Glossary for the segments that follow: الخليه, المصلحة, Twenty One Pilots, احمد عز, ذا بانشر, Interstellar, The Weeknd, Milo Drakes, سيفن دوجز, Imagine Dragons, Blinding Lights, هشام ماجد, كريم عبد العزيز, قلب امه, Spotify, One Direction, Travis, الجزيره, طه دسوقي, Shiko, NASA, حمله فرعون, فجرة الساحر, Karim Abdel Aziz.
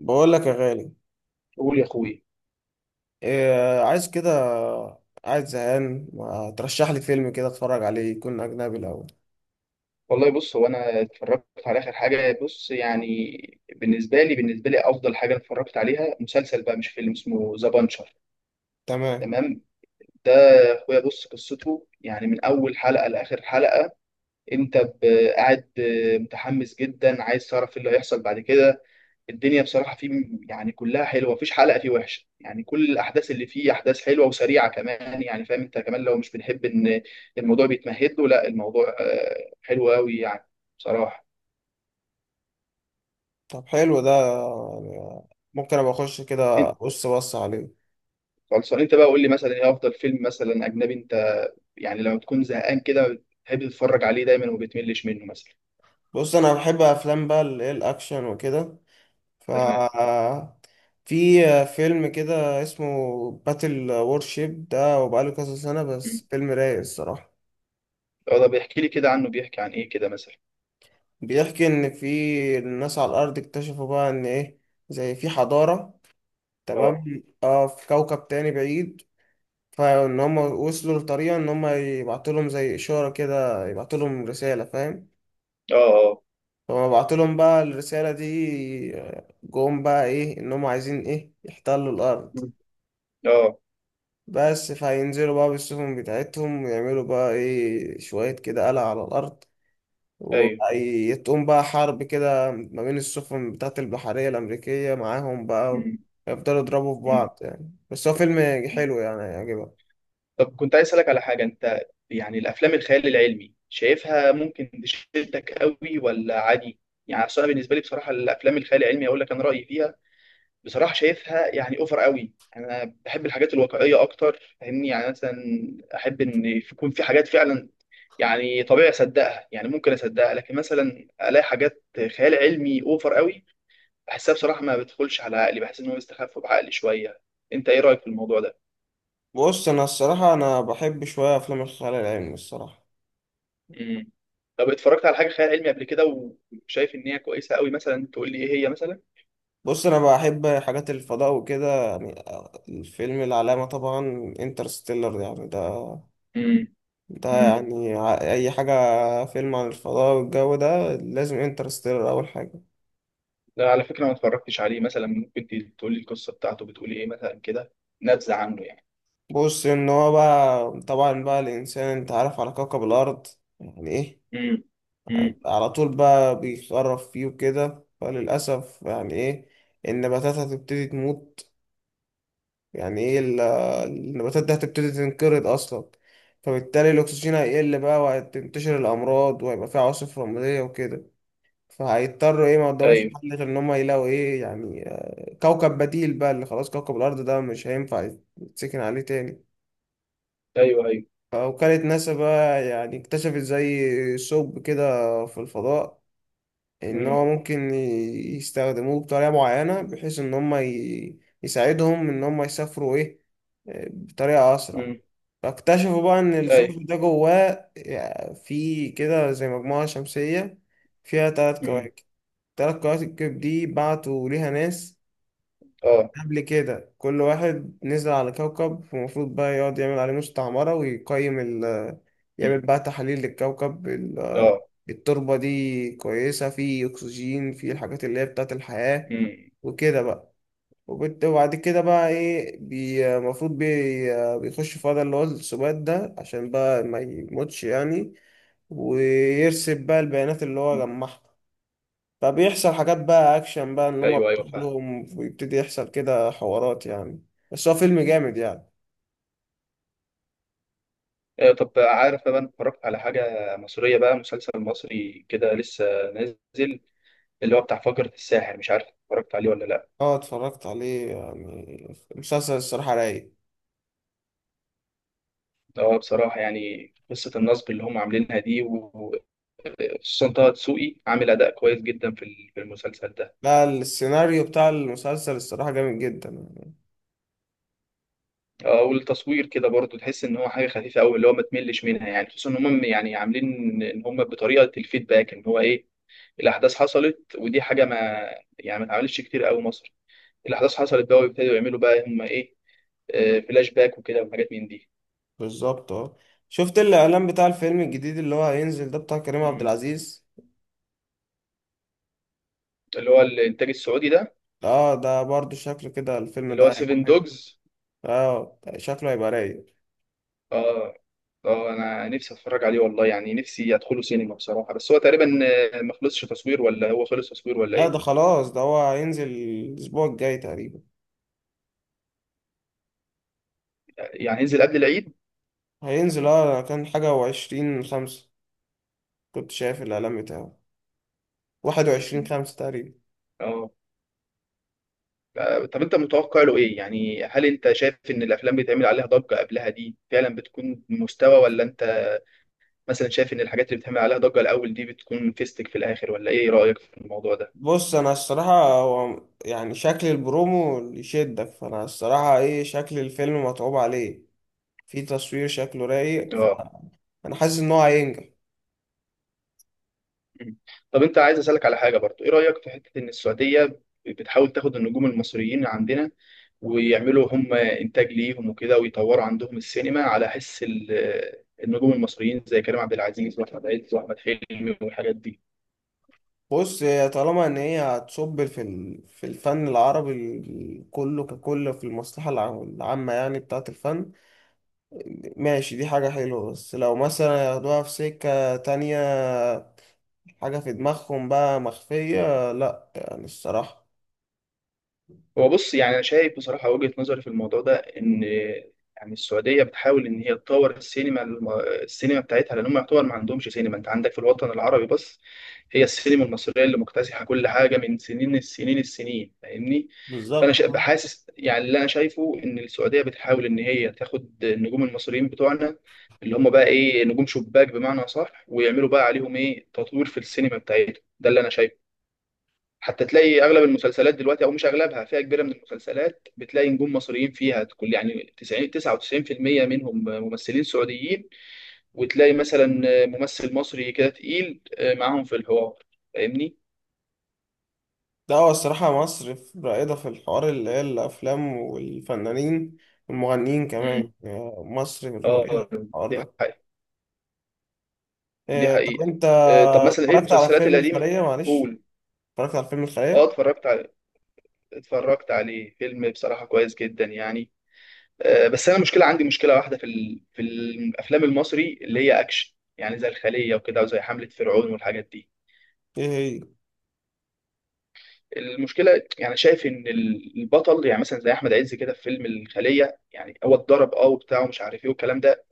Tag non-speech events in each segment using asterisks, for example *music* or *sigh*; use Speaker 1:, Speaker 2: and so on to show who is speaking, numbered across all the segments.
Speaker 1: بقول لك يا غالي.
Speaker 2: قول يا اخويا.
Speaker 1: إيه عايز كده؟ قاعد زهقان، ما ترشح لي فيلم كده اتفرج عليه، يكون اجنبي الاول؟
Speaker 2: والله بص هو انا اتفرجت على اخر حاجه بص يعني. بالنسبه لي افضل حاجه أنا اتفرجت عليها مسلسل بقى مش فيلم اسمه ذا بانشر.
Speaker 1: تمام.
Speaker 2: تمام. ده اخويا بص قصته يعني من اول حلقه لاخر حلقه. انت ب- قاعد متحمس جدا، عايز تعرف ايه اللي هيحصل بعد كده. الدنيا بصراحة فيه يعني كلها حلوة، مفيش حلقة فيه وحشة يعني. كل الأحداث اللي فيه أحداث حلوة وسريعة كمان يعني، فاهم أنت كمان. لو مش بنحب إن الموضوع بيتمهد له لا، الموضوع حلو أوي يعني بصراحة.
Speaker 1: طب حلو ده، يعني ممكن ابقى اخش كده
Speaker 2: أنت
Speaker 1: بص بص عليه.
Speaker 2: خلصان أنت بقى، قول لي مثلا إيه أفضل فيلم مثلا أجنبي أنت يعني لما تكون زهقان كده بتحب تتفرج عليه دايما وبتملش منه مثلا.
Speaker 1: بص، انا بحب افلام بقى اللي هي الاكشن وكده. ف
Speaker 2: تمام.
Speaker 1: في فيلم كده اسمه باتل وورشيب، ده وبقاله كذا سنة
Speaker 2: مم.
Speaker 1: بس، فيلم رايق الصراحة.
Speaker 2: اه، ده بيحكي لي كده عنه، بيحكي عن إيه كده مثلا؟
Speaker 1: بيحكي ان في الناس على الارض اكتشفوا بقى ان ايه، زي في حضارة،
Speaker 2: أه،
Speaker 1: تمام، اه، في كوكب تاني بعيد، فان هم وصلوا لطريقة ان هم يبعتوا لهم زي اشارة كده، يبعتوا لهم رسالة، فاهم؟
Speaker 2: أه، أه.
Speaker 1: فما بعتوا لهم بقى الرسالة دي، جم بقى ايه، ان هم عايزين ايه، يحتلوا الارض.
Speaker 2: مم. أه.
Speaker 1: بس فهينزلوا بقى بالسفن بتاعتهم، ويعملوا بقى ايه شوية كده قلق على الارض،
Speaker 2: أيوه.
Speaker 1: وتقوم بقى حرب كده ما بين السفن بتاعت البحرية الأمريكية معاهم بقى،
Speaker 2: مم.
Speaker 1: يفضلوا يضربوا في بعض يعني. بس هو فيلم
Speaker 2: مم.
Speaker 1: حلو يعني، هيعجبك.
Speaker 2: طب كنت عايز أسألك على حاجة أنت، يعني الأفلام الخيال العلمي شايفها ممكن تشدك قوي ولا عادي؟ يعني أصل أنا بالنسبة لي بصراحة الأفلام الخيال العلمي أقول لك أنا رأيي فيها بصراحة، شايفها يعني أوفر قوي. أنا بحب الحاجات الواقعية أكتر فاهمني، يعني مثلا أحب إن يكون في حاجات فعلا يعني طبيعي أصدقها. يعني ممكن أصدقها، لكن مثلا ألاقي حاجات خيال علمي أوفر قوي بحسها بصراحة ما بتدخلش على عقلي، بحس إن هو بيستخف بعقلي شوية. أنت إيه رأيك في الموضوع ده؟
Speaker 1: بص انا الصراحه انا بحب شويه افلام الخيال العلمي الصراحه.
Speaker 2: مم. طب اتفرجت على حاجه خيال علمي قبل كده وشايف ان هي كويسه قوي مثلا؟ تقول لي ايه هي مثلا.
Speaker 1: بص انا بحب حاجات الفضاء وكده يعني. الفيلم العلامه طبعا انترستيلر يعني. ده
Speaker 2: مم.
Speaker 1: ده
Speaker 2: مم.
Speaker 1: يعني اي حاجه فيلم عن الفضاء والجو ده لازم انترستيلر اول حاجه.
Speaker 2: لا على فكره ما اتفرجتش عليه. مثلا ممكن تقول لي القصه بتاعته بتقول ايه مثلا كده، نبذه عنه يعني.
Speaker 1: بص ان هو بقى طبعا بقى الانسان انت عارف على كوكب الارض يعني ايه،
Speaker 2: مم. مم.
Speaker 1: على طول بقى بيخرف فيه وكده، فللاسف يعني ايه، النباتات هتبتدي تموت، يعني ايه النباتات دي هتبتدي تنقرض اصلا. فبالتالي الاكسجين هيقل بقى، وهتنتشر الامراض، وهيبقى في عواصف رمليه وكده. فهيضطروا ايه، ما قدامهمش
Speaker 2: ايوه.
Speaker 1: حل غير ان هم يلاقوا ايه يعني، كوكب بديل بقى، اللي خلاص كوكب الارض ده مش هينفع يتسكن عليه تاني.
Speaker 2: ايوه. ايوه.
Speaker 1: فوكالة ناسا بقى يعني اكتشفت زي ثقب كده في الفضاء، ان
Speaker 2: امم.
Speaker 1: هو ممكن يستخدموه بطريقة معينة، بحيث ان هم يساعدهم ان هم يسافروا ايه، بطريقة اسرع.
Speaker 2: امم.
Speaker 1: فاكتشفوا بقى ان
Speaker 2: ايوه.
Speaker 1: الثقب ده جواه، في كده زي مجموعة شمسية فيها تلات
Speaker 2: امم.
Speaker 1: كواكب. التلات كواكب دي بعتوا ليها ناس
Speaker 2: اه.
Speaker 1: قبل كده، كل واحد نزل على كوكب المفروض بقى يقعد يعمل عليه مستعمرة، ويقيم يعمل
Speaker 2: مم.
Speaker 1: بقى تحاليل للكوكب،
Speaker 2: اه.
Speaker 1: التربة دي كويسة، فيه أكسجين، فيه الحاجات اللي هي بتاعت الحياة
Speaker 2: امم.
Speaker 1: وكده بقى. وبعد كده بقى إيه، المفروض بيخش في وضع اللي هو السبات ده عشان بقى ما يموتش يعني، ويرسب بقى البيانات اللي هو جمعها. فبيحصل حاجات بقى اكشن بقى ان هم
Speaker 2: ايوه ايوه فاهم.
Speaker 1: كلهم، ويبتدي يحصل كده حوارات يعني. بس هو فيلم جامد يعني.
Speaker 2: ايوه. طب عارف بقى، انا اتفرجت على حاجه مصريه بقى مسلسل مصري كده لسه نازل، اللي هو بتاع فجرة الساحر. مش عارف اتفرجت عليه ولا لا.
Speaker 1: اه، اتفرجت عليه، يعني مسلسل الصراحة رايق.
Speaker 2: اه بصراحة يعني قصة النصب اللي هم عاملينها دي، وخصوصا طه دسوقي عامل أداء كويس جدا في في المسلسل ده.
Speaker 1: لا، السيناريو بتاع المسلسل الصراحة جامد جدا يعني.
Speaker 2: اه والتصوير كده برضو تحس إن هو حاجة خفيفة أوي اللي هو ما تملش منها يعني. خصوصا إن هم يعني عاملين إن هم بطريقة الفيدباك، إن هو إيه، الأحداث حصلت، ودي حاجة ما يعني ما اتعملتش كتير أوي مصر. الأحداث حصلت بقى ويبتدوا يعملوا بقى هم إيه، فلاش باك وكده وحاجات من دي.
Speaker 1: بالظبط اه. شفت الاعلان بتاع الفيلم الجديد اللي هو هينزل ده، بتاع كريم عبد
Speaker 2: مم.
Speaker 1: العزيز؟
Speaker 2: اللي هو الإنتاج السعودي ده،
Speaker 1: اه ده برضو شكله كده الفيلم
Speaker 2: اللي هو
Speaker 1: ده هيبقى
Speaker 2: سيفن
Speaker 1: حلو.
Speaker 2: دوجز.
Speaker 1: اه ده شكله هيبقى رايق.
Speaker 2: اه. اه انا نفسي اتفرج عليه والله يعني، نفسي ادخله سينما بصراحه. بس هو تقريبا ما خلصش تصوير، ولا هو خلص تصوير ولا
Speaker 1: لا
Speaker 2: ايه؟
Speaker 1: ده خلاص، ده هو هينزل الاسبوع الجاي تقريبا.
Speaker 2: يعني هينزل قبل العيد.
Speaker 1: هينزل، اه، كان حاجة وعشرين خمسة، كنت شايف الإعلان بتاعه، 21/5 تقريبا.
Speaker 2: اه. طب انت متوقع له ايه يعني؟ هل انت شايف ان الافلام بيتعمل عليها ضجه قبلها دي فعلا بتكون مستوى، ولا انت مثلا شايف ان الحاجات اللي بتعمل عليها ضجه الاول دي بتكون فيستك في الاخر؟ ولا ايه رايك في الموضوع ده؟
Speaker 1: بص أنا الصراحة، هو يعني شكل البرومو اللي يشدك، فأنا الصراحة إيه، شكل الفيلم متعوب عليه، في تصوير شكله رايق،
Speaker 2: اه.
Speaker 1: فأنا حاسس إن هو هينجح.
Speaker 2: مم. طب انت عايز اسالك على حاجه برضو، ايه رايك في حته ان السعوديه بتحاول تاخد النجوم المصريين عندنا ويعملوا هم انتاج ليهم وكده، ويطوروا عندهم السينما على حس النجوم المصريين زي كريم عبد العزيز واحمد عز واحمد حلمي والحاجات دي؟
Speaker 1: بص هي، طالما إن هي هتصب في في الفن العربي كله ككل، في المصلحة العامة يعني بتاعة الفن، ماشي، دي حاجة حلوة. بس لو مثلا ياخدوها في سكة تانية، حاجة في دماغهم بقى مخفية، لأ يعني الصراحة.
Speaker 2: هو بص يعني انا شايف بصراحه وجهه نظري في الموضوع ده، ان يعني السعوديه بتحاول ان هي تطور السينما السينما بتاعتها، لان هم يعتبر ما عندهمش سينما. انت عندك في الوطن العربي بس هي السينما المصريه اللي مكتسحه كل حاجه من سنين السنين السنين، فاهمني. فانا
Speaker 1: بالظبط آه.
Speaker 2: بحاسس يعني، اللي انا شايفه ان السعوديه بتحاول ان هي تاخد النجوم المصريين بتوعنا، اللي هم بقى ايه، نجوم شباك بمعنى صح، ويعملوا بقى عليهم ايه، تطوير في السينما بتاعتهم. ده اللي انا شايفه. حتى تلاقي اغلب المسلسلات دلوقتي، او مش اغلبها، فئه كبيره من المسلسلات بتلاقي نجوم مصريين فيها، كل يعني 90 99% منهم ممثلين سعوديين. وتلاقي مثلا ممثل مصري كده تقيل معاهم في الحوار، فاهمني؟
Speaker 1: لا هو الصراحة مصر رائدة في الحوار اللي هي الأفلام والفنانين والمغنيين
Speaker 2: امم.
Speaker 1: كمان. مصر رائدة في
Speaker 2: اه.
Speaker 1: الحوار
Speaker 2: دي
Speaker 1: ده.
Speaker 2: حقيقة. دي
Speaker 1: طب
Speaker 2: حقيقة.
Speaker 1: أنت،
Speaker 2: طب مثلا ايه
Speaker 1: اتفرجت على
Speaker 2: المسلسلات
Speaker 1: فيلم
Speaker 2: القديمة؟
Speaker 1: الخلية؟ معلش،
Speaker 2: قول.
Speaker 1: اتفرجت على فيلم
Speaker 2: اه
Speaker 1: الخلية.
Speaker 2: اتفرجت على، اتفرجت عليه. فيلم بصراحة كويس جدا يعني. بس انا مشكله، عندي مشكله واحده في في الافلام المصري اللي هي اكشن، يعني زي الخليه وكده وزي حمله فرعون والحاجات دي.
Speaker 1: إيه هي؟
Speaker 2: المشكله يعني شايف ان البطل، يعني مثلا زي احمد عز كده في فيلم الخليه، يعني هو اتضرب اه وبتاع ومش عارف ايه والكلام ده،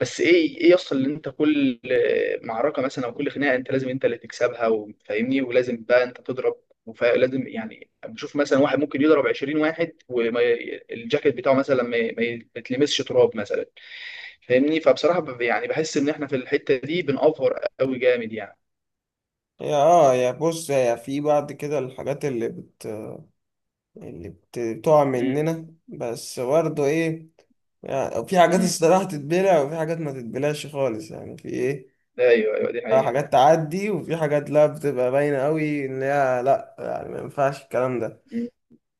Speaker 2: بس ايه، ايه يصل ان انت كل معركه مثلا، او كل خناقه انت لازم انت اللي تكسبها، وفاهمني، ولازم بقى انت تضرب. ولازم يعني بشوف مثلا واحد ممكن يضرب 20 واحد والجاكيت بتاعه مثلا ما يتلمسش تراب مثلا، فاهمني. فبصراحه يعني بحس ان احنا في الحته دي بنأفور قوي جامد يعني.
Speaker 1: هي اه، يا بص يا، في بعد كده الحاجات بتقع
Speaker 2: امم.
Speaker 1: مننا، بس برضه إيه يعني، في حاجات
Speaker 2: امم.
Speaker 1: الصراحة تتبلع وفي حاجات ما تتبلعش خالص يعني، في إيه،
Speaker 2: ايوه ايوه دي حقيقه.
Speaker 1: حاجات تعدي وفي حاجات لا بتبقى باينة قوي ان هي لا، يعني ما ينفعش الكلام ده.
Speaker 2: مم.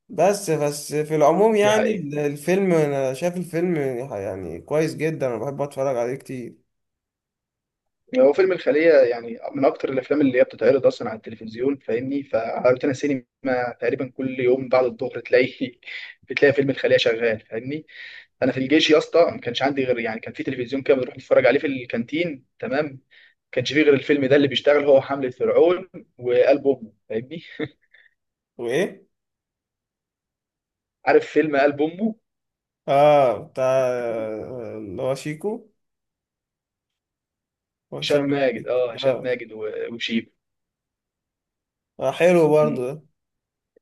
Speaker 1: بس في العموم
Speaker 2: دي
Speaker 1: يعني
Speaker 2: حقيقه.
Speaker 1: الفيلم، انا شايف الفيلم يعني كويس جدا، انا بحب اتفرج عليه كتير.
Speaker 2: هو فيلم الخليه يعني من اكتر الافلام اللي هي بتتعرض اصلا على التلفزيون، فاهمني. فعلى روتانا سينما تقريبا كل يوم بعد الظهر تلاقي *laughs* بتلاقي فيلم الخليه شغال، فاهمني. انا في الجيش يا اسطى ما كانش عندي غير، يعني كان في تلفزيون كده بنروح نتفرج عليه في الكانتين، تمام، ما كانش فيه غير الفيلم ده اللي بيشتغل، هو حمله فرعون وقلب امه، فاهمني.
Speaker 1: وايه؟
Speaker 2: عارف فيلم قلب امه؟
Speaker 1: اه، بتاع
Speaker 2: *laughs*
Speaker 1: اللي هو شيكو
Speaker 2: هشام
Speaker 1: وهشام
Speaker 2: ماجد،
Speaker 1: ماجد.
Speaker 2: اه هشام
Speaker 1: اه.
Speaker 2: ماجد وشيب.
Speaker 1: حلو برضو
Speaker 2: مم.
Speaker 1: ده.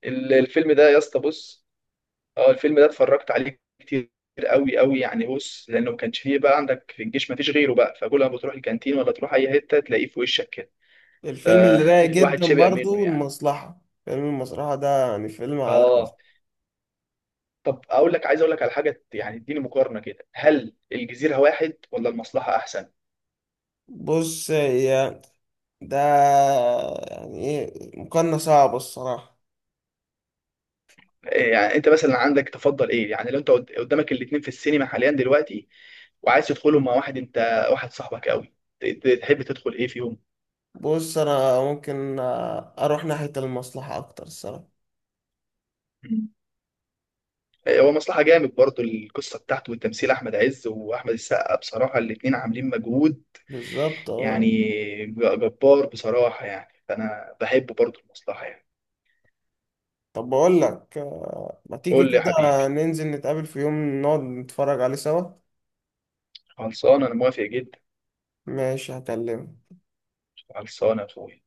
Speaker 2: الفيلم ده يا اسطى بص، اه الفيلم ده اتفرجت عليه كتير قوي قوي يعني. بص لانه ما كانش فيه بقى عندك في الجيش، ما فيش غيره بقى، فكل ما بتروح الكانتين ولا تروح اي حته تلاقيه في وشك كده.
Speaker 1: الفيلم اللي رايق
Speaker 2: فالواحد *laughs*
Speaker 1: جدا
Speaker 2: شبع منه
Speaker 1: برضو
Speaker 2: يعني.
Speaker 1: المصلحة، فيلم المصلحة ده يعني فيلم على.
Speaker 2: اه. طب اقول لك، عايز اقول لك على حاجه، يعني اديني مقارنه كده، هل الجزيره واحد ولا المصلحه احسن؟
Speaker 1: بص هي ده يعني ايه، مقارنة صعبة الصراحة.
Speaker 2: إيه يعني انت مثلا عندك تفضل ايه؟ يعني لو انت قدامك الاثنين في السينما حاليا دلوقتي، وعايز تدخلهم مع واحد انت، واحد صاحبك قوي، تحب تدخل ايه فيهم؟
Speaker 1: بص انا ممكن اروح ناحية المصلحة اكتر الصراحة.
Speaker 2: مم. هو مصلحة جامد برضو، القصة بتاعته والتمثيل، أحمد عز وأحمد السقا بصراحة الاتنين عاملين مجهود
Speaker 1: بالظبط
Speaker 2: يعني
Speaker 1: اه.
Speaker 2: جبار بصراحة يعني. فأنا بحب برضو المصلحة يعني.
Speaker 1: طب بقول لك ما تيجي
Speaker 2: قول لي يا
Speaker 1: كده
Speaker 2: حبيبي.
Speaker 1: ننزل نتقابل في يوم نقعد نتفرج عليه سوا؟
Speaker 2: خلصانة أنا موافق جدا.
Speaker 1: ماشي، هكلمك.
Speaker 2: خلصانة يا أخويا.